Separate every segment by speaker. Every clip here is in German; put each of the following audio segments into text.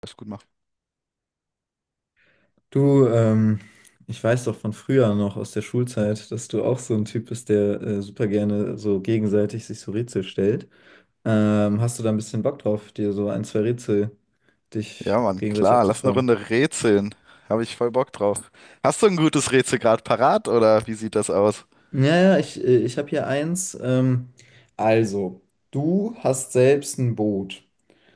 Speaker 1: Das gut machen.
Speaker 2: Du, ich weiß doch von früher noch aus der Schulzeit, dass du auch so ein Typ bist, der super gerne so gegenseitig sich so Rätsel stellt. Hast du da ein bisschen Bock drauf, dir so ein, zwei Rätsel
Speaker 1: Ja,
Speaker 2: dich
Speaker 1: Mann,
Speaker 2: gegenseitig
Speaker 1: klar, lass eine
Speaker 2: abzufragen?
Speaker 1: Runde rätseln. Habe ich voll Bock drauf. Hast du ein gutes Rätsel gerade parat oder wie sieht das aus?
Speaker 2: Ja, ich habe hier eins. Also, du hast selbst ein Boot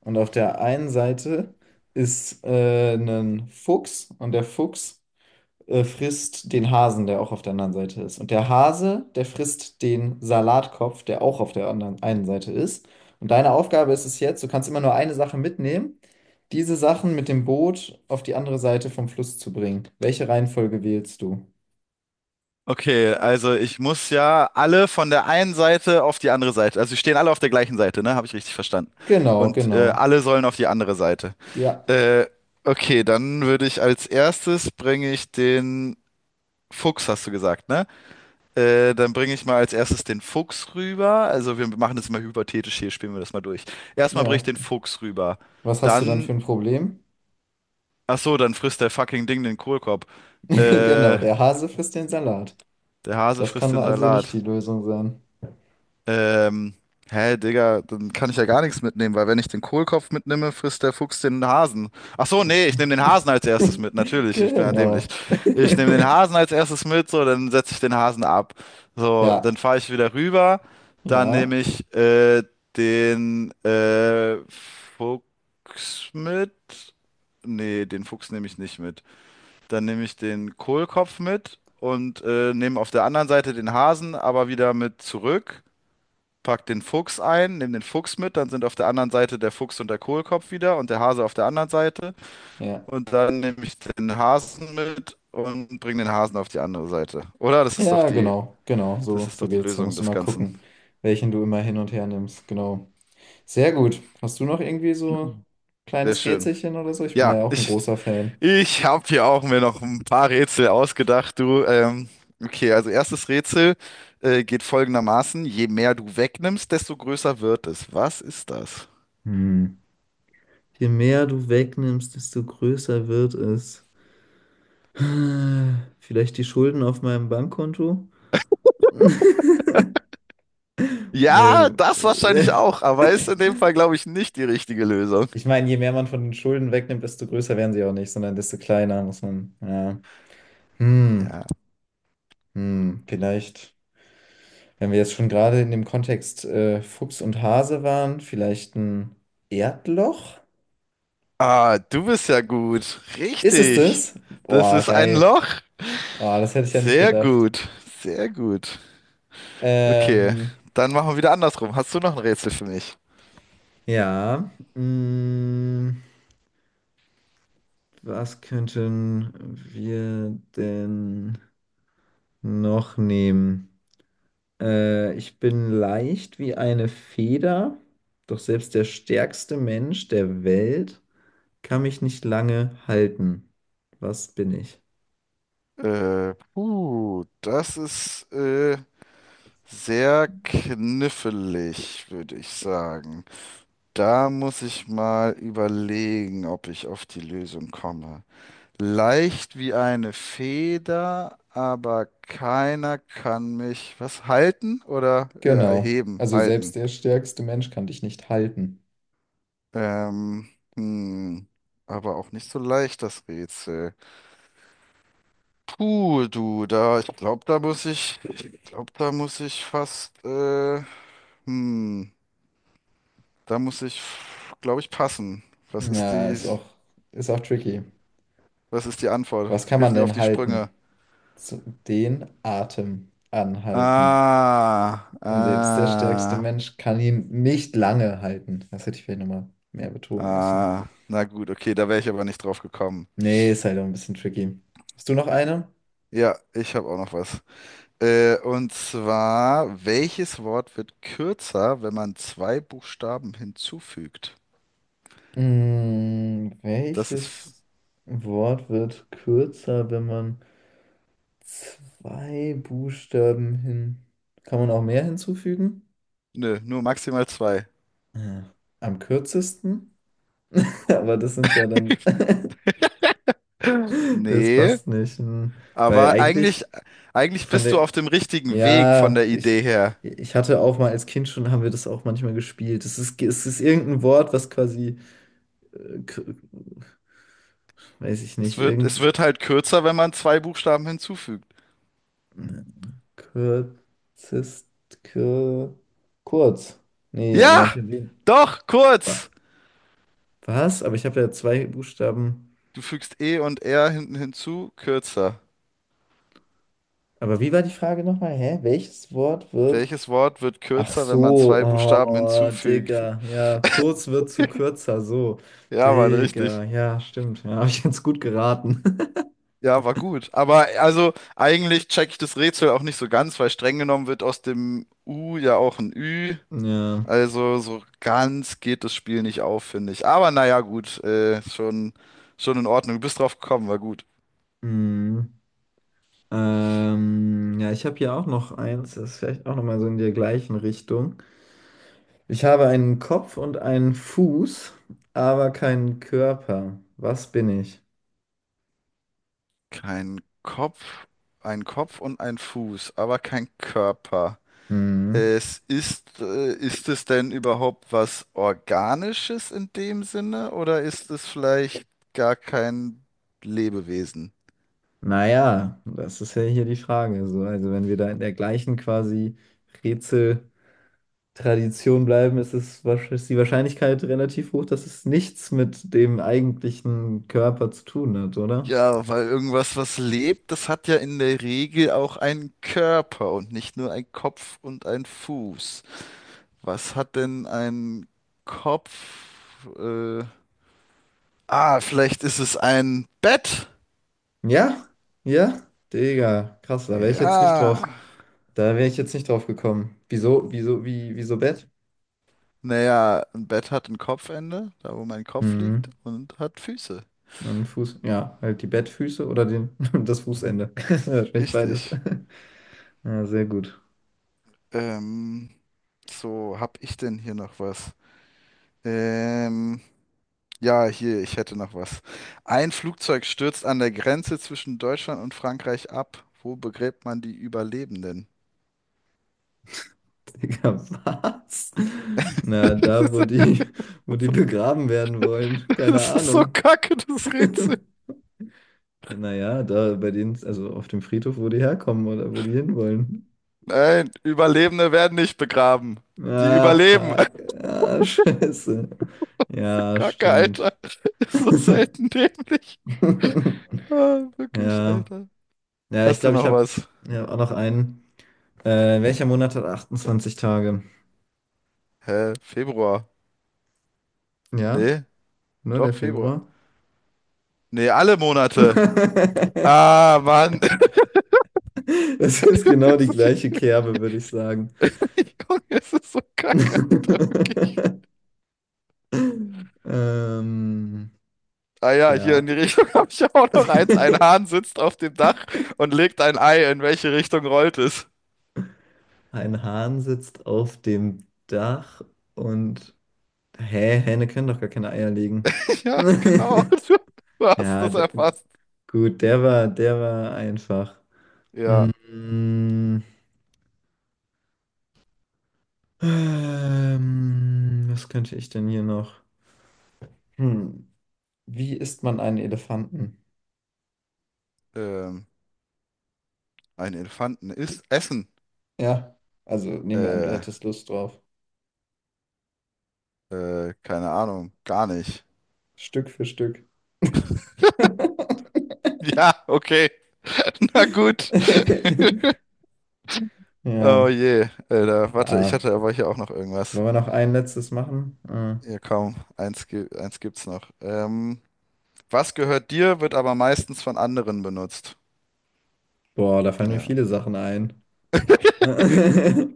Speaker 2: und auf der einen Seite ist ein Fuchs und der Fuchs frisst den Hasen, der auch auf der anderen Seite ist. Und der Hase, der frisst den Salatkopf, der auch auf der anderen einen Seite ist. Und deine Aufgabe ist es jetzt, du kannst immer nur eine Sache mitnehmen, diese Sachen mit dem Boot auf die andere Seite vom Fluss zu bringen. Welche Reihenfolge wählst du?
Speaker 1: Okay, also ich muss ja alle von der einen Seite auf die andere Seite. Also sie stehen alle auf der gleichen Seite, ne? Habe ich richtig verstanden.
Speaker 2: Genau,
Speaker 1: Und
Speaker 2: genau.
Speaker 1: alle sollen auf die andere Seite.
Speaker 2: Ja,
Speaker 1: Äh, okay, dann würde ich als erstes bringe ich den Fuchs, hast du gesagt, ne? Dann bringe ich mal als erstes den Fuchs rüber. Also wir machen das mal hypothetisch hier, spielen wir das mal durch. Erstmal bringe
Speaker 2: ja.
Speaker 1: ich den Fuchs rüber.
Speaker 2: Was hast du dann für
Speaker 1: Dann,
Speaker 2: ein Problem?
Speaker 1: ach so, dann frisst der fucking Ding den Kohlkorb.
Speaker 2: Genau,
Speaker 1: Äh,
Speaker 2: der Hase frisst den Salat.
Speaker 1: Der Hase
Speaker 2: Das
Speaker 1: frisst
Speaker 2: kann
Speaker 1: den
Speaker 2: also nicht
Speaker 1: Salat.
Speaker 2: die Lösung sein.
Speaker 1: Ähm, Hä, Digga, dann kann ich ja gar nichts mitnehmen, weil wenn ich den Kohlkopf mitnehme, frisst der Fuchs den Hasen. Ach so, nee,
Speaker 2: Okay.
Speaker 1: ich nehme den Hasen als erstes mit, natürlich, ich bin ja dämlich.
Speaker 2: Genau.
Speaker 1: Ich nehme den Hasen als erstes mit, so, dann setze ich den Hasen ab. So, dann
Speaker 2: Ja,
Speaker 1: fahre ich wieder rüber, dann
Speaker 2: ja,
Speaker 1: nehme ich den Fuchs mit. Nee, den Fuchs nehme ich nicht mit. Dann nehme ich den Kohlkopf mit und nehme auf der anderen Seite den Hasen, aber wieder mit zurück, pack den Fuchs ein, nimm den Fuchs mit, dann sind auf der anderen Seite der Fuchs und der Kohlkopf wieder und der Hase auf der anderen Seite.
Speaker 2: ja.
Speaker 1: Und dann nehme ich den Hasen mit und bringe den Hasen auf die andere Seite. Oder?
Speaker 2: Ja, genau, genau,
Speaker 1: Das
Speaker 2: so,
Speaker 1: ist doch
Speaker 2: so
Speaker 1: die
Speaker 2: geht's. Da
Speaker 1: Lösung
Speaker 2: musst du
Speaker 1: des
Speaker 2: mal
Speaker 1: Ganzen.
Speaker 2: gucken, welchen du immer hin und her nimmst. Genau. Sehr gut. Hast du noch irgendwie so ein
Speaker 1: Sehr
Speaker 2: kleines
Speaker 1: schön.
Speaker 2: Rätselchen oder so? Ich bin da
Speaker 1: Ja,
Speaker 2: ja auch ein
Speaker 1: ich,
Speaker 2: großer Fan.
Speaker 1: ich habe hier auch mir noch ein paar Rätsel ausgedacht, du. Okay, also erstes Rätsel geht folgendermaßen: Je mehr du wegnimmst, desto größer wird es. Was ist das?
Speaker 2: Hm. Je mehr du wegnimmst, desto größer wird es. Vielleicht die Schulden auf meinem Bankkonto? Nee.
Speaker 1: Ja, das wahrscheinlich auch, aber ist in dem Fall, glaube ich, nicht die richtige Lösung.
Speaker 2: Ich meine, je mehr man von den Schulden wegnimmt, desto größer werden sie auch nicht, sondern desto kleiner muss man. Ja. Hm.
Speaker 1: Ja.
Speaker 2: Hm. Vielleicht. Wenn wir jetzt schon gerade in dem Kontext Fuchs und Hase waren, vielleicht ein Erdloch?
Speaker 1: Ah, du bist ja gut.
Speaker 2: Ist es
Speaker 1: Richtig.
Speaker 2: das?
Speaker 1: Das
Speaker 2: Boah,
Speaker 1: ist ein
Speaker 2: geil.
Speaker 1: Loch.
Speaker 2: Boah, das hätte ich ja nicht
Speaker 1: Sehr
Speaker 2: gedacht.
Speaker 1: gut. Sehr gut. Okay,
Speaker 2: Ähm,
Speaker 1: dann machen wir wieder andersrum. Hast du noch ein Rätsel für mich?
Speaker 2: ja. Mh, was könnten wir denn noch nehmen? Ich bin leicht wie eine Feder, doch selbst der stärkste Mensch der Welt kann mich nicht lange halten. Was bin ich?
Speaker 1: Puh, das ist sehr knifflig, würde ich sagen. Da muss ich mal überlegen, ob ich auf die Lösung komme. Leicht wie eine Feder, aber keiner kann mich was halten oder
Speaker 2: Genau.
Speaker 1: erheben,
Speaker 2: Also
Speaker 1: halten.
Speaker 2: selbst der stärkste Mensch kann dich nicht halten.
Speaker 1: Ähm, hm, aber auch nicht so leicht das Rätsel. Puh, du, da, ich glaube, da muss ich fast, hm, da muss ich, glaube ich, passen. Was ist
Speaker 2: Ja,
Speaker 1: die,
Speaker 2: ist auch, ist auch tricky.
Speaker 1: was ist die Antwort?
Speaker 2: Was kann
Speaker 1: Hilf
Speaker 2: man
Speaker 1: mir auf
Speaker 2: denn
Speaker 1: die Sprünge.
Speaker 2: halten? So, den Atem anhalten.
Speaker 1: Ah,
Speaker 2: Und selbst der stärkste
Speaker 1: ah.
Speaker 2: Mensch kann ihn nicht lange halten. Das hätte ich vielleicht nochmal mehr betonen müssen.
Speaker 1: Ah, na gut, okay, da wäre ich aber nicht drauf gekommen.
Speaker 2: Nee, ist halt auch ein bisschen tricky. Hast du noch eine?
Speaker 1: Ja, ich habe auch noch was. Und zwar, welches Wort wird kürzer, wenn man zwei Buchstaben hinzufügt?
Speaker 2: Hm,
Speaker 1: Das ist, f-
Speaker 2: welches Wort wird kürzer, wenn man zwei Buchstaben hin... Kann man auch mehr hinzufügen?
Speaker 1: nö, nur maximal zwei.
Speaker 2: Äh, Am kürzesten, aber das sind ja dann, das
Speaker 1: Nee,
Speaker 2: passt nicht. Hm. Weil
Speaker 1: aber eigentlich,
Speaker 2: eigentlich
Speaker 1: eigentlich
Speaker 2: von
Speaker 1: bist du
Speaker 2: der,
Speaker 1: auf dem richtigen Weg von
Speaker 2: ja,
Speaker 1: der
Speaker 2: ich,
Speaker 1: Idee her.
Speaker 2: ich hatte auch mal als Kind schon, haben wir das auch manchmal gespielt. Es ist irgendein Wort, was quasi, äh, k- weiß ich nicht,
Speaker 1: Es
Speaker 2: irgendwie,
Speaker 1: wird halt kürzer, wenn man zwei Buchstaben hinzufügt.
Speaker 2: kürzest, kür, kurz. Nee, aber dann habe
Speaker 1: Ja,
Speaker 2: ich erwähnt.
Speaker 1: doch,
Speaker 2: Wa-
Speaker 1: kurz.
Speaker 2: Was? Aber ich habe ja zwei Buchstaben.
Speaker 1: Du fügst E und R hinten hinzu, kürzer.
Speaker 2: Aber wie war die Frage nochmal? Hä? Welches Wort wird
Speaker 1: Welches Wort wird
Speaker 2: ach
Speaker 1: kürzer, wenn man
Speaker 2: so,
Speaker 1: zwei Buchstaben
Speaker 2: oh,
Speaker 1: hinzufügt?
Speaker 2: Digga, ja, kurz wird zu kürzer, so.
Speaker 1: Ja, Mann,
Speaker 2: Digga,
Speaker 1: richtig.
Speaker 2: ja, stimmt, ja, habe ich jetzt gut geraten.
Speaker 1: Ja, war gut. Aber also eigentlich check ich das Rätsel auch nicht so ganz, weil streng genommen wird aus dem U ja auch ein Ü.
Speaker 2: Ja,
Speaker 1: Also so ganz geht das Spiel nicht auf, finde ich. Aber naja, gut, schon in Ordnung. Du bist drauf gekommen, war gut.
Speaker 2: hm. Ja, ich habe hier auch noch eins, das ist vielleicht auch nochmal so in der gleichen Richtung. Ich habe einen Kopf und einen Fuß, aber keinen Körper. Was bin ich?
Speaker 1: Kein Kopf, ein Kopf und ein Fuß, aber kein Körper.
Speaker 2: Hm.
Speaker 1: Es ist, ist es denn überhaupt was Organisches in dem Sinne oder ist es vielleicht gar kein Lebewesen?
Speaker 2: Naja, das ist ja hier die Frage, so. Also, wenn wir da in der gleichen quasi Rätsel. Tradition bleiben, ist es, ist die Wahrscheinlichkeit relativ hoch, dass es nichts mit dem eigentlichen Körper zu tun hat, oder?
Speaker 1: Ja, weil irgendwas, was lebt, das hat ja in der Regel auch einen Körper und nicht nur einen Kopf und einen Fuß. Was hat denn ein Kopf? Äh, ah, vielleicht ist es ein Bett.
Speaker 2: Ja, ja, Digga, krass, da wäre ich jetzt nicht
Speaker 1: Ja.
Speaker 2: drauf. Da wäre ich jetzt nicht drauf gekommen. Wieso Bett?
Speaker 1: Naja, ein Bett hat ein Kopfende, da wo mein Kopf liegt,
Speaker 2: Hm,
Speaker 1: und hat Füße.
Speaker 2: ein Fuß, ja, halt die Bettfüße oder den, das Fußende. Wahrscheinlich beides.
Speaker 1: Richtig.
Speaker 2: Ja, sehr gut.
Speaker 1: Ähm, so, hab ich denn hier noch was? Ähm, ja, hier, ich hätte noch was. Ein Flugzeug stürzt an der Grenze zwischen Deutschland und Frankreich ab. Wo begräbt man die Überlebenden?
Speaker 2: Digga, was? Na, wo die begraben werden wollen, keine
Speaker 1: Das ist so
Speaker 2: Ahnung.
Speaker 1: kacke, das Rätsel.
Speaker 2: Naja, da bei denen, also auf dem Friedhof, wo die herkommen oder wo die hinwollen.
Speaker 1: Nein, Überlebende werden nicht begraben. Die
Speaker 2: Ah,
Speaker 1: überleben.
Speaker 2: fuck. Ah, scheiße. Ja,
Speaker 1: Kacke, Alter.
Speaker 2: stimmt.
Speaker 1: Ist so selten dämlich. Ah, wirklich,
Speaker 2: Ja.
Speaker 1: Alter.
Speaker 2: Ja, ich
Speaker 1: Hast du
Speaker 2: glaube, ich
Speaker 1: noch
Speaker 2: habe
Speaker 1: was?
Speaker 2: ja, auch noch einen. Welcher Monat hat 28 Tage?
Speaker 1: Hä? Februar?
Speaker 2: Ja,
Speaker 1: Nee,
Speaker 2: nur
Speaker 1: doch,
Speaker 2: der
Speaker 1: Februar.
Speaker 2: Februar.
Speaker 1: Nee, alle Monate. Ah, Mann.
Speaker 2: Das ist genau
Speaker 1: Das
Speaker 2: die
Speaker 1: ist-
Speaker 2: gleiche Kerbe, würde ich sagen.
Speaker 1: ich gucke, es ist so kacke, Alter, wirklich.
Speaker 2: Ähm,
Speaker 1: Ah ja, hier in die
Speaker 2: ja.
Speaker 1: Richtung habe ich auch noch eins. Ein Hahn sitzt auf dem Dach und legt ein Ei. In welche Richtung rollt es?
Speaker 2: Ein Hahn sitzt auf dem Dach und... Hä, Hähne können doch gar keine Eier legen.
Speaker 1: Ja, genau. Du hast
Speaker 2: Ja,
Speaker 1: das erfasst.
Speaker 2: gut, der war einfach.
Speaker 1: Ja,
Speaker 2: Mm, was könnte ich denn hier noch? Hm, wie isst man einen Elefanten?
Speaker 1: ähm, ein Elefanten isst Essen.
Speaker 2: Ja, also nehmen wir an, du
Speaker 1: Äh,
Speaker 2: hättest Lust drauf.
Speaker 1: keine Ahnung, gar nicht.
Speaker 2: Stück für Stück.
Speaker 1: Ja, okay. Na gut.
Speaker 2: Ja,
Speaker 1: Oh je, Alter, warte, ich
Speaker 2: ah,
Speaker 1: hatte aber hier auch noch irgendwas.
Speaker 2: wollen wir noch ein letztes machen? Ah,
Speaker 1: Ja, kaum. Eins gibt's noch. Was gehört dir, wird aber meistens von anderen benutzt.
Speaker 2: boah, da fallen mir
Speaker 1: Ja.
Speaker 2: viele Sachen ein.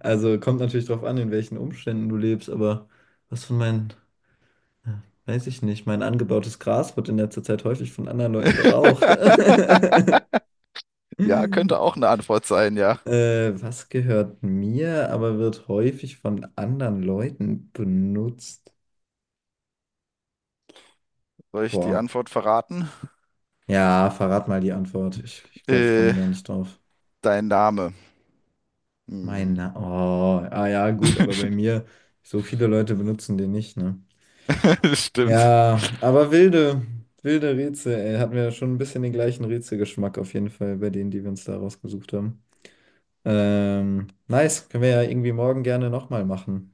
Speaker 2: Also kommt natürlich drauf an, in welchen Umständen du lebst, aber was von meinen, ja, weiß ich nicht, mein angebautes Gras wird in letzter Zeit häufig von anderen Leuten geraucht.
Speaker 1: Ja, könnte auch eine Antwort sein, ja.
Speaker 2: Was gehört mir, aber wird häufig von anderen Leuten benutzt?
Speaker 1: Soll ich die
Speaker 2: Boah.
Speaker 1: Antwort verraten?
Speaker 2: Ja, verrat mal die Antwort. Ich glaube, ich komme
Speaker 1: Äh,
Speaker 2: da nicht drauf.
Speaker 1: Dein Name. Hm.
Speaker 2: Oh, ah ja, gut, aber bei mir, so viele Leute benutzen den nicht, ne?
Speaker 1: Stimmt.
Speaker 2: Ja, aber wilde Rätsel, ey. Hatten wir schon ein bisschen den gleichen Rätselgeschmack auf jeden Fall bei denen, die wir uns da rausgesucht haben. Nice, können wir ja irgendwie morgen gerne nochmal machen.